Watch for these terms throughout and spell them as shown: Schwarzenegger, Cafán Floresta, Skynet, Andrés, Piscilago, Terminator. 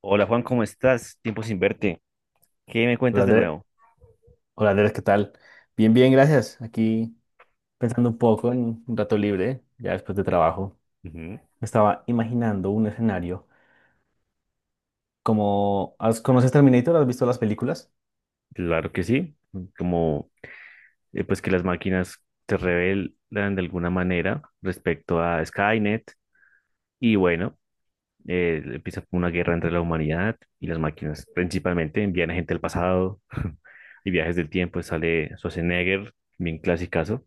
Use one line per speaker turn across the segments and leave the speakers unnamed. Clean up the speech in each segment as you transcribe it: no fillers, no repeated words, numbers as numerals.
Hola Juan, ¿cómo estás? Tiempo sin verte. ¿Qué me
Hola
cuentas de
Andrés,
nuevo?
¿qué tal? Bien, bien, gracias. Aquí pensando un poco en un rato libre, ya después de trabajo.
Ujú.
Me estaba imaginando un escenario como ¿conoces Terminator? ¿Has visto las películas?
Claro que sí. Como pues que las máquinas se rebelan de alguna manera respecto a Skynet y bueno, empieza como una guerra entre la humanidad y las máquinas. Principalmente envían a gente al pasado y viajes del tiempo. Sale Schwarzenegger, bien clasicazo.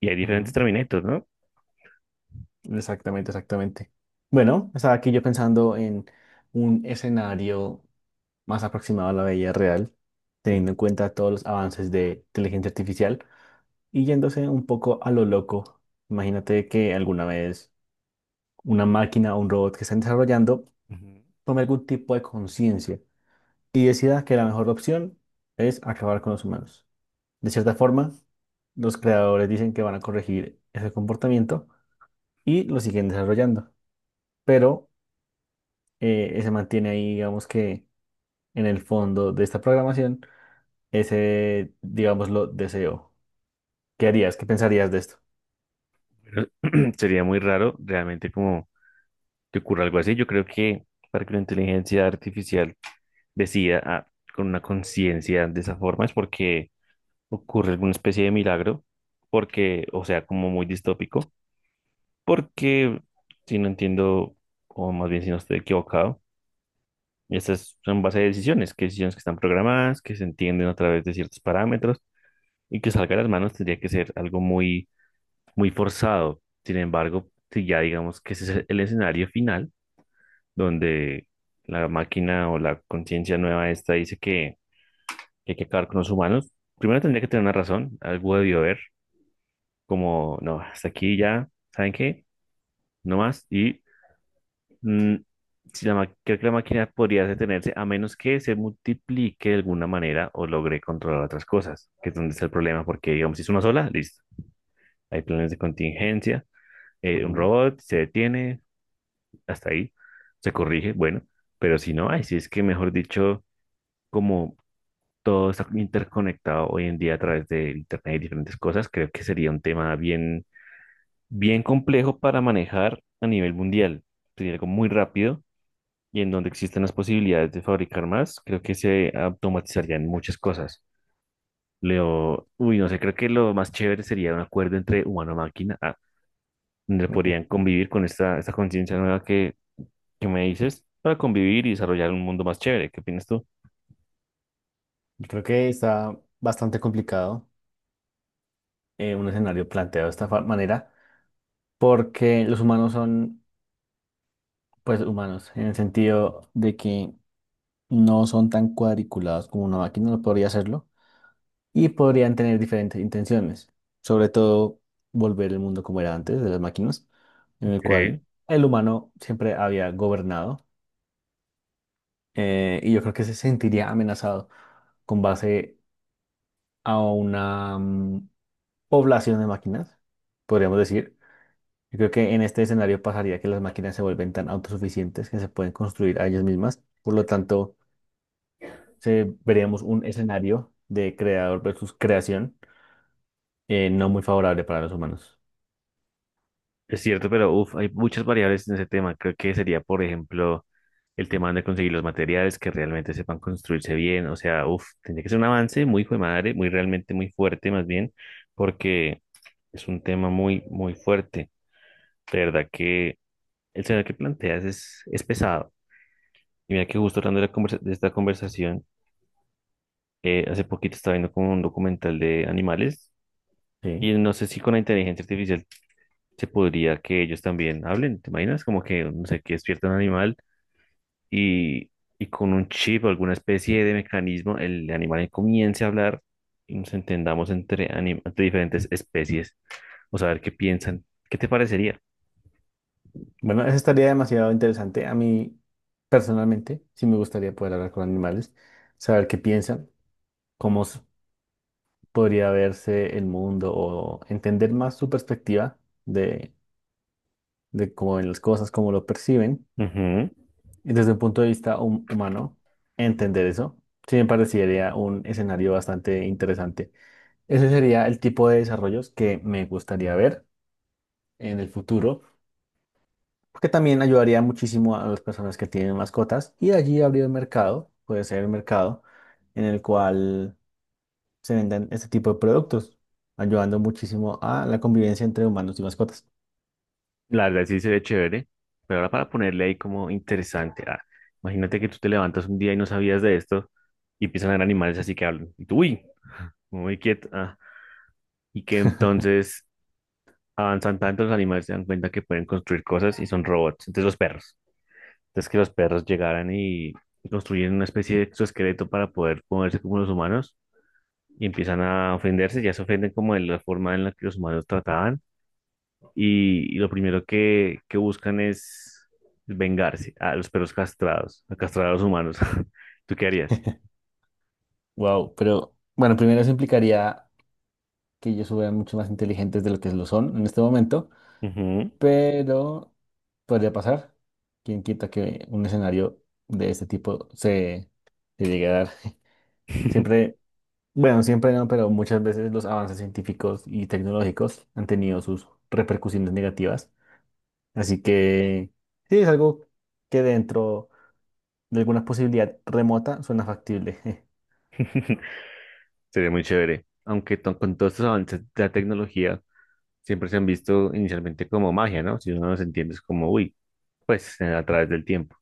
Y hay diferentes
Ujú.
Terminators, ¿no?
Exactamente, exactamente. Bueno, estaba aquí yo pensando en un escenario más aproximado a la vida real,
Ujú,
teniendo en cuenta todos los avances de inteligencia artificial y yéndose un poco a lo loco. Imagínate que alguna vez una máquina o un robot que están desarrollando
ujú.
tome algún tipo de conciencia y decida que la mejor opción es acabar con los humanos. De cierta forma, los creadores dicen que van a corregir ese comportamiento y lo siguen desarrollando, pero se mantiene ahí, digamos que en el fondo de esta programación, ese, digámoslo, deseo. ¿Qué harías? ¿Qué pensarías de esto?
Pero sería muy raro realmente como que ocurra algo así. Yo creo que para que la inteligencia artificial decida con una conciencia de esa forma es porque ocurre alguna especie de milagro, porque, o sea, como muy distópico, porque si no entiendo, o más bien si no estoy equivocado, estas son base de decisiones que están programadas, que se entienden a través de ciertos parámetros y que salga de las manos tendría que ser algo muy, muy forzado. Sin embargo, si ya digamos que ese es el escenario final, donde la máquina o la conciencia nueva esta dice que hay que acabar con los humanos, primero tendría que tener una razón, algo debió haber, como, no, hasta aquí ya, ¿saben qué? No más. Y mm, si la ma- creo que la máquina podría detenerse a menos que se multiplique de alguna manera o logre controlar otras cosas, que es donde está el problema, porque digamos, si es una sola, listo. Hay planes de contingencia, un
Ujú.
robot se detiene, hasta ahí, se corrige, bueno, pero si no, ahí sí es que, mejor dicho, como todo está interconectado hoy en día a través de Internet y diferentes cosas, creo que sería un tema bien, bien complejo para manejar a nivel mundial. Sería algo muy rápido y en donde existen las posibilidades de fabricar más, creo que se automatizarían muchas cosas. Leo, uy, no sé, creo que lo más chévere sería un acuerdo entre humano-máquina, ah, donde
Ok.
podrían convivir con esta conciencia nueva que me dices para convivir y desarrollar un mundo más chévere. ¿Qué opinas tú?
Yo creo que está bastante complicado, un escenario planteado de esta manera, porque los humanos son, pues, humanos, en el sentido de que no son tan cuadriculados como una máquina lo podría hacerlo, y podrían tener diferentes intenciones, sobre todo volver el mundo como era antes de las máquinas, en el cual
Ok.
el humano siempre había gobernado. Y yo creo que se sentiría amenazado con base a una población de máquinas, podríamos decir. Yo creo que en este escenario pasaría que las máquinas se vuelven tan autosuficientes que se pueden construir a ellas mismas, por lo tanto se veríamos un escenario de creador versus creación, no muy favorable para los humanos.
Es cierto, pero uf, hay muchas variables en ese tema. Creo que sería, por ejemplo, el tema de conseguir los materiales que realmente sepan construirse bien. O sea, uf, tendría que ser un avance muy hijo de madre, muy realmente muy fuerte, más bien, porque es un tema muy, muy fuerte. De verdad que el tema que planteas es pesado. Y mira que justo hablando de esta conversación, hace poquito estaba viendo como un documental de animales.
Sí.
Y no sé si con la inteligencia artificial se podría que ellos también hablen. ¿Te imaginas? Como que, no sé, que despierta un animal y, y con un chip o alguna especie de mecanismo, el animal comience a hablar y nos entendamos entre diferentes especies o saber qué piensan. ¿Qué te parecería?
Bueno, eso estaría demasiado interesante. A mí, personalmente, sí me gustaría poder hablar con animales, saber qué piensan, cómo podría verse el mundo, o entender más su perspectiva de, de cómo ven las cosas, cómo lo perciben.
Ujú.
Y desde un punto de vista humano, entender eso, sí me parecería un escenario bastante interesante. Ese sería el tipo de desarrollos que me gustaría ver en el futuro, porque también ayudaría muchísimo a las personas que tienen mascotas, y de allí abrir el mercado, puede ser el mercado en el cual se vendan este tipo de productos, ayudando muchísimo a la convivencia entre humanos y mascotas.
La verdad sí se ve chévere, pero ahora para ponerle ahí como interesante. Imagínate que tú te levantas un día y no sabías de esto y empiezan a haber animales así que hablan. Y tú, uy, muy quieto. Y que entonces avanzan tanto los animales se dan cuenta que pueden construir cosas y son robots. Entonces los perros. Entonces que los perros llegaran y construyen una especie de exoesqueleto para poder moverse como los humanos y empiezan a ofenderse, ya se ofenden como de la forma en la que los humanos trataban y lo primero que buscan es vengarse a los perros castrados, a castrar a los humanos. ¿Tú qué harías?
Wow, pero bueno, primero eso implicaría que ellos fueran mucho más inteligentes de lo que lo son en este momento,
Ujú.
pero podría pasar. ¿Quién quita que un escenario de este tipo se, se llegue a dar? Siempre, bueno, siempre no, pero muchas veces los avances científicos y tecnológicos han tenido sus repercusiones negativas. Así que sí, es algo que dentro de alguna posibilidad remota suena factible.
Sería muy chévere. Aunque con todos estos avances de la tecnología siempre se han visto inicialmente como magia, ¿no? Si uno los entiende es como, uy, pues a través del tiempo.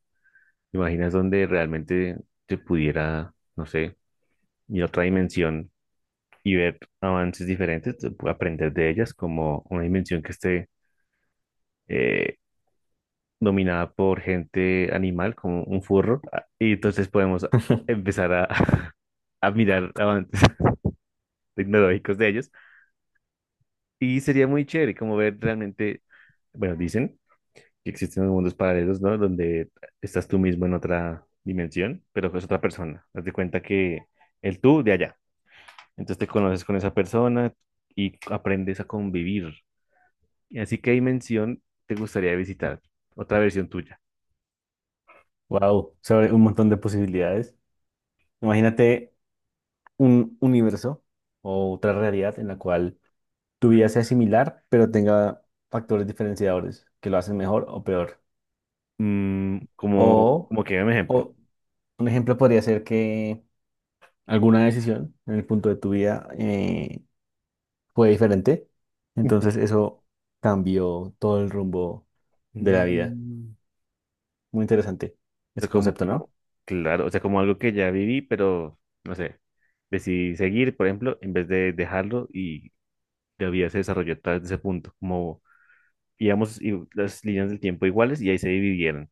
¿Te imaginas donde realmente te pudiera, no sé, ir a otra dimensión y ver avances diferentes, te aprender de ellas como una dimensión que esté eh, dominada por gente animal, como un furro? Ah, Y entonces podemos empezar a, a mirar avances tecnológicos de ellos. Y sería muy chévere como ver realmente, bueno, dicen que existen unos mundos paralelos, ¿no? Donde estás tú mismo en otra dimensión, pero es otra persona. Haz de cuenta que el tú de allá. Entonces te conoces con esa persona y aprendes a convivir. Y así que dimensión te gustaría visitar, otra versión tuya.
Wow, se abre un montón de posibilidades. Imagínate un universo o otra realidad en la cual tu vida sea similar, pero tenga factores diferenciadores que lo hacen mejor o peor.
Mm,
O,
como que un ejemplo.
o un ejemplo podría ser que alguna decisión en el punto de tu vida, fue diferente. Entonces eso cambió todo el rumbo de la vida.
Mm,
Muy interesante
o sea,
ese
como,
concepto, ¿no?
claro, o sea, como algo que ya viví, pero no sé, decidí seguir, por ejemplo, en vez de dejarlo y la vida se desarrolló a través de ese punto, como íbamos y las líneas del tiempo iguales y ahí se dividieron.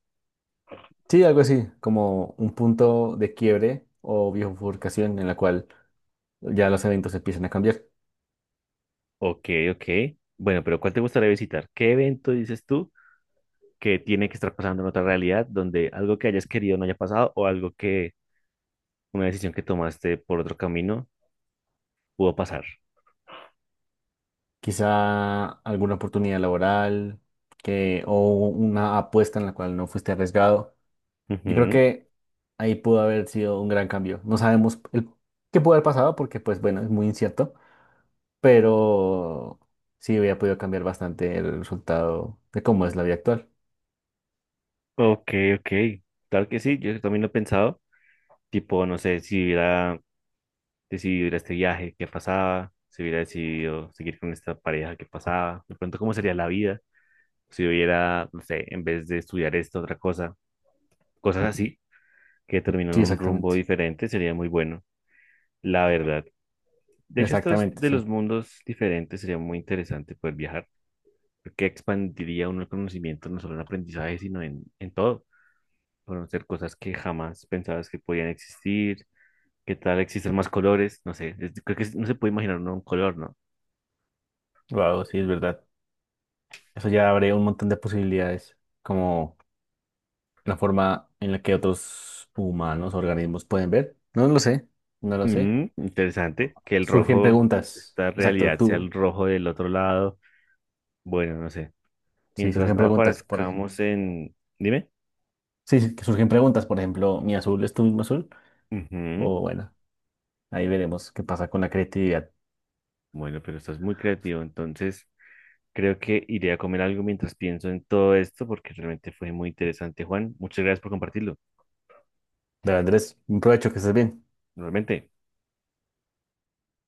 Sí, algo así, como un punto de quiebre o bifurcación en la cual ya los eventos empiezan a cambiar.
Ok. Bueno, pero ¿cuál te gustaría visitar? ¿Qué evento dices tú? Que tiene que estar pasando en otra realidad donde algo que hayas querido no haya pasado o algo que una decisión que tomaste por otro camino pudo pasar.
Quizá alguna oportunidad laboral que, o una apuesta en la cual no fuiste arriesgado. Yo creo
Ujú.
que ahí pudo haber sido un gran cambio. No sabemos el, qué pudo haber pasado porque, pues bueno, es muy incierto, pero sí había podido cambiar bastante el resultado de cómo es la vida actual.
Ok, ok. Claro que sí, yo también lo he pensado. Tipo, no sé, si hubiera decidido ir a este viaje, qué pasaba, si hubiera decidido seguir con esta pareja, qué pasaba, de pronto cómo sería la vida, si hubiera, no sé, en vez de estudiar esto, otra cosa, cosas así, que terminan
Sí,
en un rumbo
exactamente.
diferente, sería muy bueno, la verdad. De hecho, estos
Exactamente,
de
sí.
los mundos diferentes sería muy interesante poder viajar, porque expandiría uno el conocimiento no solo en aprendizaje, sino en todo. Conocer cosas que jamás pensabas que podían existir, qué tal existen más colores, no sé, creo que no se puede imaginar uno un color, ¿no?
Wow, sí, es verdad. Eso ya abre un montón de posibilidades, como la forma en la que otros humanos, organismos pueden ver. No lo sé, no lo sé.
Mm, interesante, que el
Surgen
rojo,
preguntas.
esta
Exacto,
realidad sea el
tú.
rojo del otro lado, bueno, no sé.
Sí,
Mientras
surgen
no
preguntas, por ejemplo.
aparezcamos en... Dime.
Sí, sí, que surgen preguntas, por ejemplo, ¿mi azul es tu mismo azul?
Ujú.
O bueno, ahí veremos qué pasa con la creatividad.
Bueno, pero estás muy creativo, entonces... Creo que iré a comer algo mientras pienso en todo esto porque realmente fue muy interesante, Juan. Muchas gracias por compartirlo.
De Andrés, un provecho, que estés bien.
Normalmente.